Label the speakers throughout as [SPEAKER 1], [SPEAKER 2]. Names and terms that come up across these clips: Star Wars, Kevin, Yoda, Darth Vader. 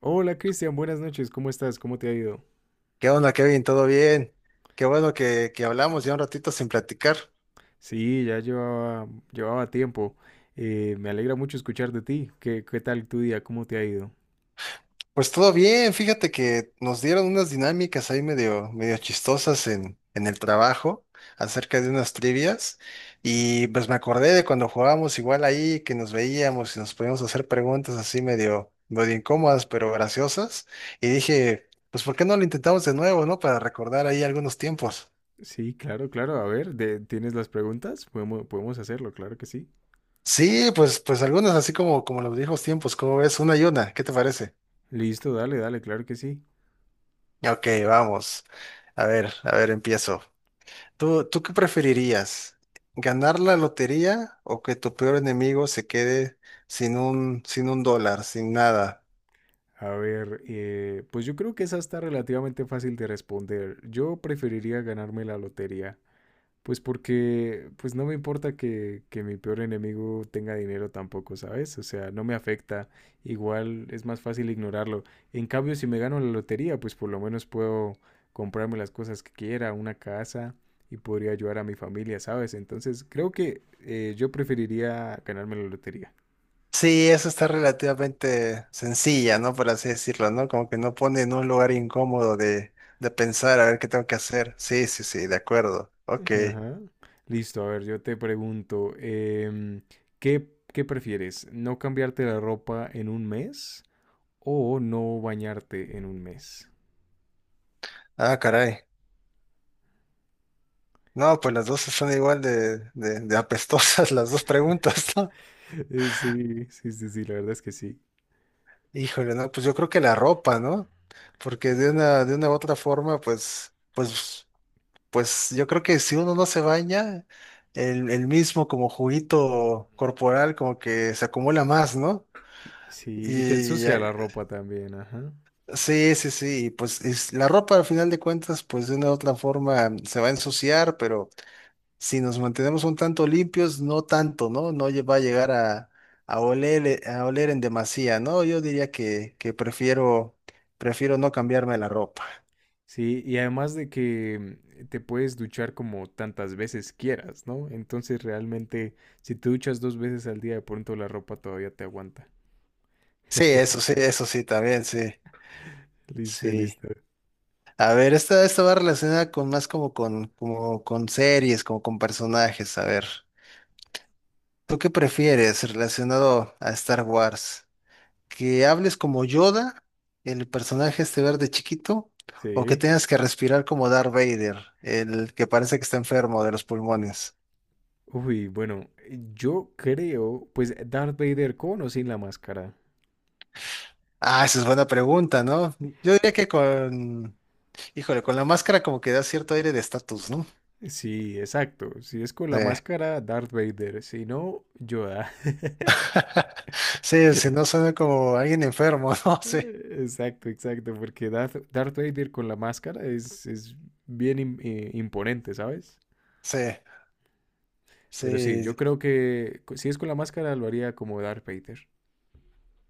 [SPEAKER 1] Hola Cristian, buenas noches, ¿cómo estás? ¿Cómo te ha ido?
[SPEAKER 2] ¿Qué onda, Kevin? ¿Todo bien? Qué bueno que hablamos ya un ratito sin platicar.
[SPEAKER 1] Sí, ya llevaba tiempo. Me alegra mucho escuchar de ti. ¿Qué tal tu día? ¿Cómo te ha ido?
[SPEAKER 2] Pues todo bien, fíjate que nos dieron unas dinámicas ahí medio chistosas en el trabajo acerca de unas trivias y pues me acordé de cuando jugábamos igual ahí, que nos veíamos y nos podíamos hacer preguntas así medio incómodas pero graciosas y dije, pues ¿por qué no lo intentamos de nuevo, no? Para recordar ahí algunos tiempos.
[SPEAKER 1] Sí, claro, claro. A ver, ¿tienes las preguntas? Podemos hacerlo, claro que sí.
[SPEAKER 2] Sí, pues algunas así como los viejos tiempos, ¿cómo ves? Una y una, ¿qué te parece?
[SPEAKER 1] Listo, dale, dale, claro que sí.
[SPEAKER 2] Ok, vamos. A ver, empiezo. ¿Tú qué preferirías? ¿Ganar la lotería o que tu peor enemigo se quede sin un dólar, sin nada?
[SPEAKER 1] A ver, pues yo creo que esa está relativamente fácil de responder. Yo preferiría ganarme la lotería. Pues porque, pues no me importa que mi peor enemigo tenga dinero tampoco, ¿sabes? O sea, no me afecta. Igual es más fácil ignorarlo. En cambio, si me gano la lotería, pues por lo menos puedo comprarme las cosas que quiera, una casa, y podría ayudar a mi familia, ¿sabes? Entonces, creo que yo preferiría ganarme la lotería.
[SPEAKER 2] Sí, eso está relativamente sencilla, ¿no? Por así decirlo, ¿no? Como que no pone en un lugar incómodo de pensar a ver qué tengo que hacer. Sí, sí, sí, de acuerdo. Ok.
[SPEAKER 1] Ajá. Listo, a ver, yo te pregunto, ¿qué prefieres? ¿No cambiarte la ropa en un mes o no bañarte en un mes?
[SPEAKER 2] Ah, caray. No, pues las dos son igual de apestosas las dos preguntas, ¿no?
[SPEAKER 1] Sí, sí, sí, sí, la verdad es que sí.
[SPEAKER 2] Híjole, no, pues yo creo que la ropa, ¿no? Porque de una u otra forma, pues, pues, pues yo creo que si uno no se baña, el mismo como juguito corporal como que se acumula más, ¿no?
[SPEAKER 1] Sí, y te
[SPEAKER 2] Y
[SPEAKER 1] ensucia la ropa también, ajá.
[SPEAKER 2] sí, sí, sí, y pues es- la ropa al final de cuentas, pues de una u otra forma se va a ensuciar, pero si nos mantenemos un tanto limpios, no tanto, ¿no? No lle- va a llegar a oler en demasía, ¿no? Yo diría que prefiero, prefiero no cambiarme la ropa.
[SPEAKER 1] Sí, y además de que, te puedes duchar como tantas veces quieras, ¿no? Entonces realmente, si te duchas dos veces al día, de pronto la ropa todavía te aguanta.
[SPEAKER 2] Sí, eso sí, eso sí, también, sí,
[SPEAKER 1] Listo,
[SPEAKER 2] sí.
[SPEAKER 1] listo.
[SPEAKER 2] A ver, esta va relacionada con más como con series, como con personajes. A ver, ¿tú qué prefieres relacionado a Star Wars? Que hables como Yoda, el personaje este verde chiquito, ¿o que
[SPEAKER 1] Sí.
[SPEAKER 2] tengas que respirar como Darth Vader, el que parece que está enfermo de los pulmones?
[SPEAKER 1] Uy, bueno, yo creo, pues Darth Vader con o sin la máscara.
[SPEAKER 2] Ah, esa es buena pregunta, ¿no? Yo diría que con, híjole, con la máscara como que da cierto aire de estatus, ¿no?
[SPEAKER 1] Sí, exacto. Si es con
[SPEAKER 2] Sí.
[SPEAKER 1] la máscara, Darth Vader. Si no, Yoda.
[SPEAKER 2] Sí, si no suena como alguien enfermo, ¿no? Sí,
[SPEAKER 1] Exacto, exacto. Porque Darth Vader con la máscara es bien imponente, ¿sabes?
[SPEAKER 2] sí,
[SPEAKER 1] Pero sí,
[SPEAKER 2] sí.
[SPEAKER 1] yo creo que si es con la máscara, lo haría como Darth Vader.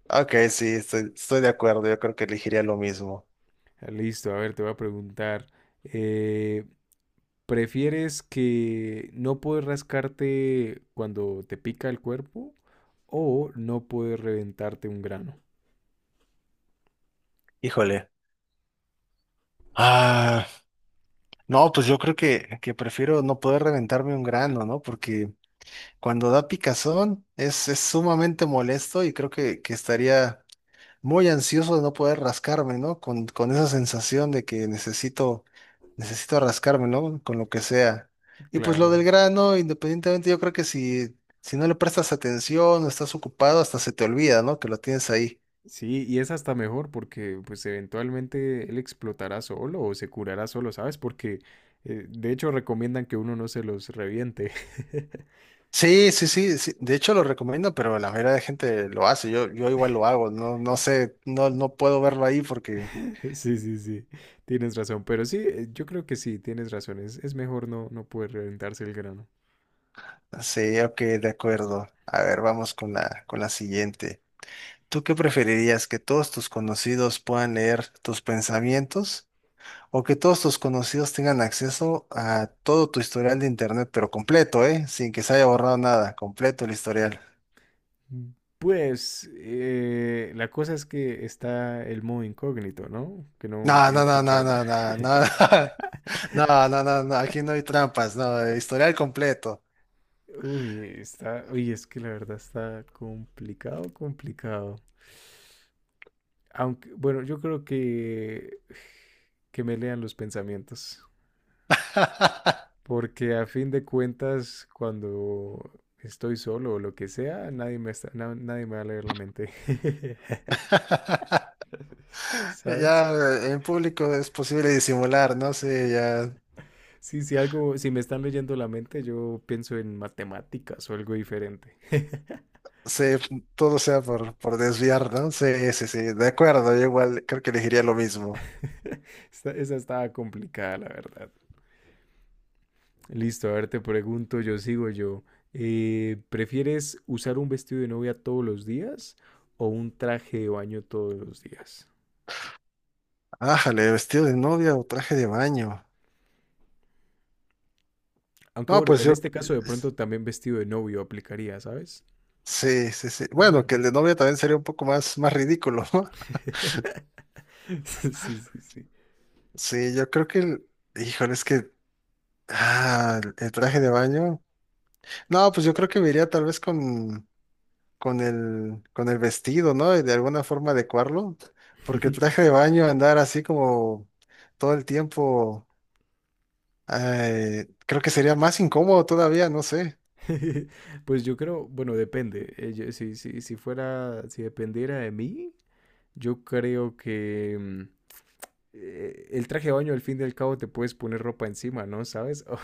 [SPEAKER 2] Ok, sí, estoy, estoy de acuerdo. Yo creo que elegiría lo mismo.
[SPEAKER 1] Ah, listo, a ver, te voy a preguntar. eh, ¿prefieres que no puedes rascarte cuando te pica el cuerpo, o no puedes reventarte un grano?
[SPEAKER 2] Híjole. Ah. No, pues yo creo que prefiero no poder reventarme un grano, ¿no? Porque cuando da picazón es sumamente molesto y creo que estaría muy ansioso de no poder rascarme, ¿no? Con esa sensación de que necesito, necesito rascarme, ¿no? Con lo que sea. Y pues lo del
[SPEAKER 1] Claro.
[SPEAKER 2] grano, independientemente, yo creo que si, si no le prestas atención o estás ocupado, hasta se te olvida, ¿no? Que lo tienes ahí.
[SPEAKER 1] Sí, y es hasta mejor, porque pues eventualmente él explotará solo o se curará solo, ¿sabes? Porque de hecho recomiendan que uno no se los reviente.
[SPEAKER 2] Sí, sí, sí, sí. De hecho lo recomiendo, pero la mayoría de gente lo hace. Yo igual lo hago. No, no sé, no, no puedo verlo ahí porque
[SPEAKER 1] Sí, sí, sí, tienes razón, pero sí, yo creo que sí, tienes razón, es mejor no poder reventarse el grano.
[SPEAKER 2] sí, ok, de acuerdo. A ver, vamos con la siguiente. ¿Tú qué preferirías? ¿Que todos tus conocidos puedan leer tus pensamientos? ¿O que todos tus conocidos tengan acceso a todo tu historial de internet, pero completo, eh? Sin que se haya borrado nada, completo el historial.
[SPEAKER 1] Mm, Pues la cosa es que está el modo incógnito, ¿no? Que no,
[SPEAKER 2] No,
[SPEAKER 1] que no
[SPEAKER 2] no,
[SPEAKER 1] te
[SPEAKER 2] no, no,
[SPEAKER 1] guarda.
[SPEAKER 2] no, no, no. No, no, no, no, aquí no hay trampas, no, historial completo.
[SPEAKER 1] Uy, uy, es que la verdad está complicado, complicado. Aunque, bueno, yo creo que me lean los pensamientos, porque a fin de cuentas, cuando estoy solo o lo que sea, nadie me va a leer la mente. ¿Sabes?
[SPEAKER 2] Ya en público es posible disimular, ¿no? Sí, ya
[SPEAKER 1] Sí, si algo, si me están leyendo la mente, yo pienso en matemáticas o algo diferente.
[SPEAKER 2] sé, todo sea por desviar, ¿no? Sí, sí, sí, de acuerdo, yo igual creo que elegiría lo mismo.
[SPEAKER 1] Esa estaba complicada, la verdad. Listo, a ver, te pregunto, yo sigo yo. ¿Prefieres usar un vestido de novia todos los días o un traje de baño todos los días?
[SPEAKER 2] Ájale, vestido de novia o traje de baño.
[SPEAKER 1] Aunque
[SPEAKER 2] No,
[SPEAKER 1] bueno,
[SPEAKER 2] pues
[SPEAKER 1] en
[SPEAKER 2] yo,
[SPEAKER 1] este caso de pronto también vestido de novio aplicaría, ¿sabes?
[SPEAKER 2] sí, sí, sí. Bueno, que
[SPEAKER 1] Mm.
[SPEAKER 2] el de novia también sería un poco más, más ridículo, ¿no?
[SPEAKER 1] Sí, sí, sí.
[SPEAKER 2] Sí, yo creo que, el- híjole, es que, ah, el traje de baño. No, pues yo creo que me iría tal vez con el vestido, ¿no? Y de alguna forma adecuarlo, porque el traje de baño, andar así como todo el tiempo, creo que sería más incómodo todavía, no sé.
[SPEAKER 1] Pues yo creo, bueno, depende. Si fuera, si dependiera de mí, yo creo que, el traje de baño al fin y al cabo te puedes poner ropa encima, ¿no? ¿Sabes?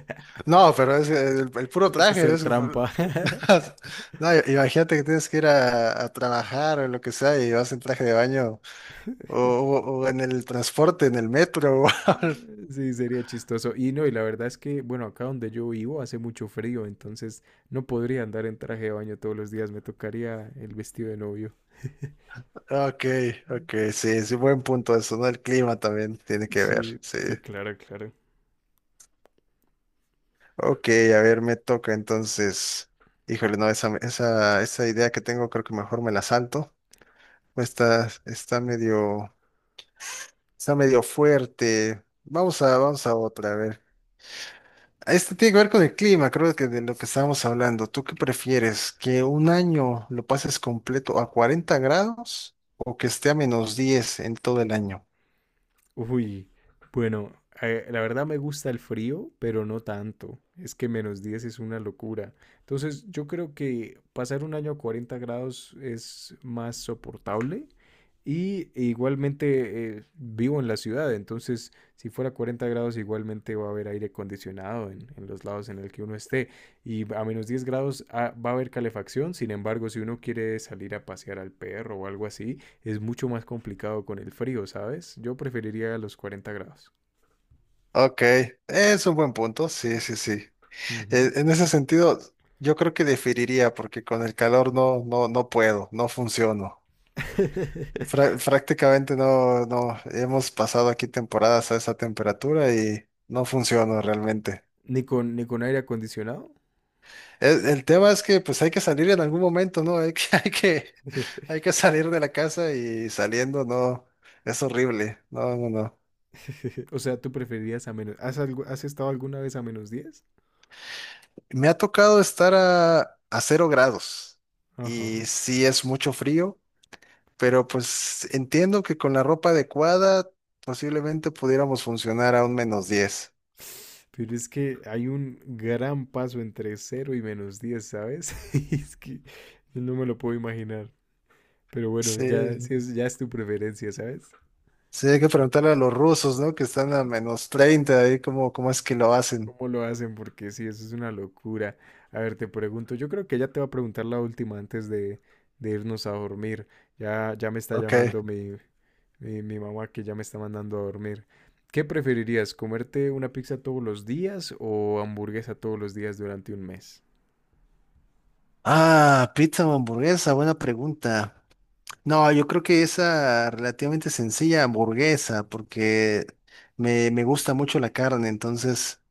[SPEAKER 2] No, pero es el puro
[SPEAKER 1] Es
[SPEAKER 2] traje,
[SPEAKER 1] hacer
[SPEAKER 2] es...
[SPEAKER 1] trampa.
[SPEAKER 2] No, imagínate que tienes que ir a trabajar o lo que sea y vas en traje de baño o en el transporte, en el metro.
[SPEAKER 1] Sí, sería chistoso. Y no, y la verdad es que, bueno, acá donde yo vivo hace mucho frío, entonces no podría andar en traje de baño todos los días, me tocaría el vestido de novio.
[SPEAKER 2] Ok, ok, sí, sí, buen punto eso, ¿no? El clima también tiene que ver,
[SPEAKER 1] Sí,
[SPEAKER 2] sí.
[SPEAKER 1] sí, claro, claro.
[SPEAKER 2] Ok, a ver, me toca entonces. Híjole, no, esa idea que tengo creo que mejor me la salto. Está, está medio fuerte. Vamos a, vamos a otra, a ver. Este tiene que ver con el clima, creo que de lo que estábamos hablando. ¿Tú qué prefieres? ¿Que un año lo pases completo a 40 grados o que esté a -10 en todo el año?
[SPEAKER 1] Uy, bueno, la verdad me gusta el frío, pero no tanto. Es que -10 es una locura. Entonces, yo creo que pasar un año a 40 grados es más soportable. Y igualmente, vivo en la ciudad, entonces si fuera 40 grados igualmente va a haber aire acondicionado en los lados en el que uno esté. Y a -10 grados, va a haber calefacción; sin embargo, si uno quiere salir a pasear al perro o algo así, es mucho más complicado con el frío, ¿sabes? Yo preferiría los 40 grados.
[SPEAKER 2] Ok, es un buen punto, sí, sí, sí. Eh,
[SPEAKER 1] Ujú.
[SPEAKER 2] En ese sentido, yo creo que diferiría, porque con el calor no, no, no puedo, no funciono. Fra- prácticamente no, no, hemos pasado aquí temporadas a esa temperatura y no funciono realmente.
[SPEAKER 1] Ni con aire acondicionado.
[SPEAKER 2] El tema es que pues hay que salir en algún momento, ¿no? Hay que, hay que salir de la casa y saliendo, no, es horrible. No, no, no.
[SPEAKER 1] O sea, tú preferirías a menos. ¿Has estado alguna vez a -10?
[SPEAKER 2] Me ha tocado estar a 0 grados
[SPEAKER 1] Ajá.
[SPEAKER 2] y sí es mucho frío. Pero pues entiendo que con la ropa adecuada posiblemente pudiéramos funcionar a un -10.
[SPEAKER 1] Pero es que hay un gran paso entre cero y -10, ¿sabes? Es que no me lo puedo imaginar. Pero bueno, ya,
[SPEAKER 2] Sí,
[SPEAKER 1] si es, ya es tu preferencia, ¿sabes?
[SPEAKER 2] sí, hay que preguntarle a los rusos, ¿no? Que están a -30 ahí cómo, cómo es que lo hacen.
[SPEAKER 1] ¿Cómo lo hacen? Porque sí, eso es una locura. A ver, te pregunto, yo creo que ella te va a preguntar la última antes de irnos a dormir. Ya, ya me está
[SPEAKER 2] Ok.
[SPEAKER 1] llamando mi mamá, que ya me está mandando a dormir. ¿Qué preferirías, comerte una pizza todos los días o hamburguesa todos los días durante un mes?
[SPEAKER 2] Ah, pizza o hamburguesa, buena pregunta. No, yo creo que esa relativamente sencilla hamburguesa, porque me gusta mucho la carne, entonces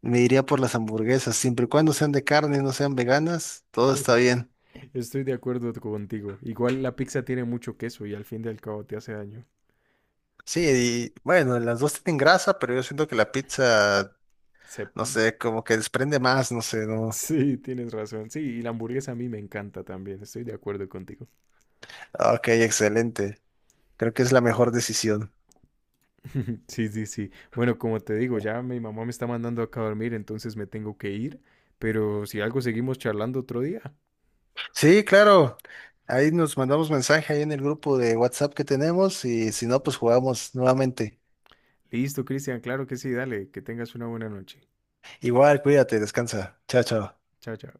[SPEAKER 2] me iría por las hamburguesas, siempre y cuando sean de carne y no sean veganas, todo está bien.
[SPEAKER 1] Estoy de acuerdo contigo. Igual la pizza tiene mucho queso y al fin y al cabo te hace daño.
[SPEAKER 2] Sí, y bueno, las dos tienen grasa, pero yo siento que la pizza,
[SPEAKER 1] Se-
[SPEAKER 2] no sé, como que desprende más, no sé, no.
[SPEAKER 1] Sí, tienes razón. Sí, y la hamburguesa a mí me encanta también. Estoy de acuerdo contigo.
[SPEAKER 2] Ah, ok, excelente. Creo que es la mejor decisión.
[SPEAKER 1] Sí, sí, sí. Bueno, como te digo, ya mi mamá me está mandando acá a dormir, entonces me tengo que ir. Pero si algo, seguimos charlando otro día.
[SPEAKER 2] Sí, claro. Ahí nos mandamos mensaje ahí en el grupo de WhatsApp que tenemos y si no, pues jugamos nuevamente.
[SPEAKER 1] Listo, Cristian, claro que sí, dale, que tengas una buena noche.
[SPEAKER 2] Igual, cuídate, descansa. Chao, chao.
[SPEAKER 1] Chao, chao.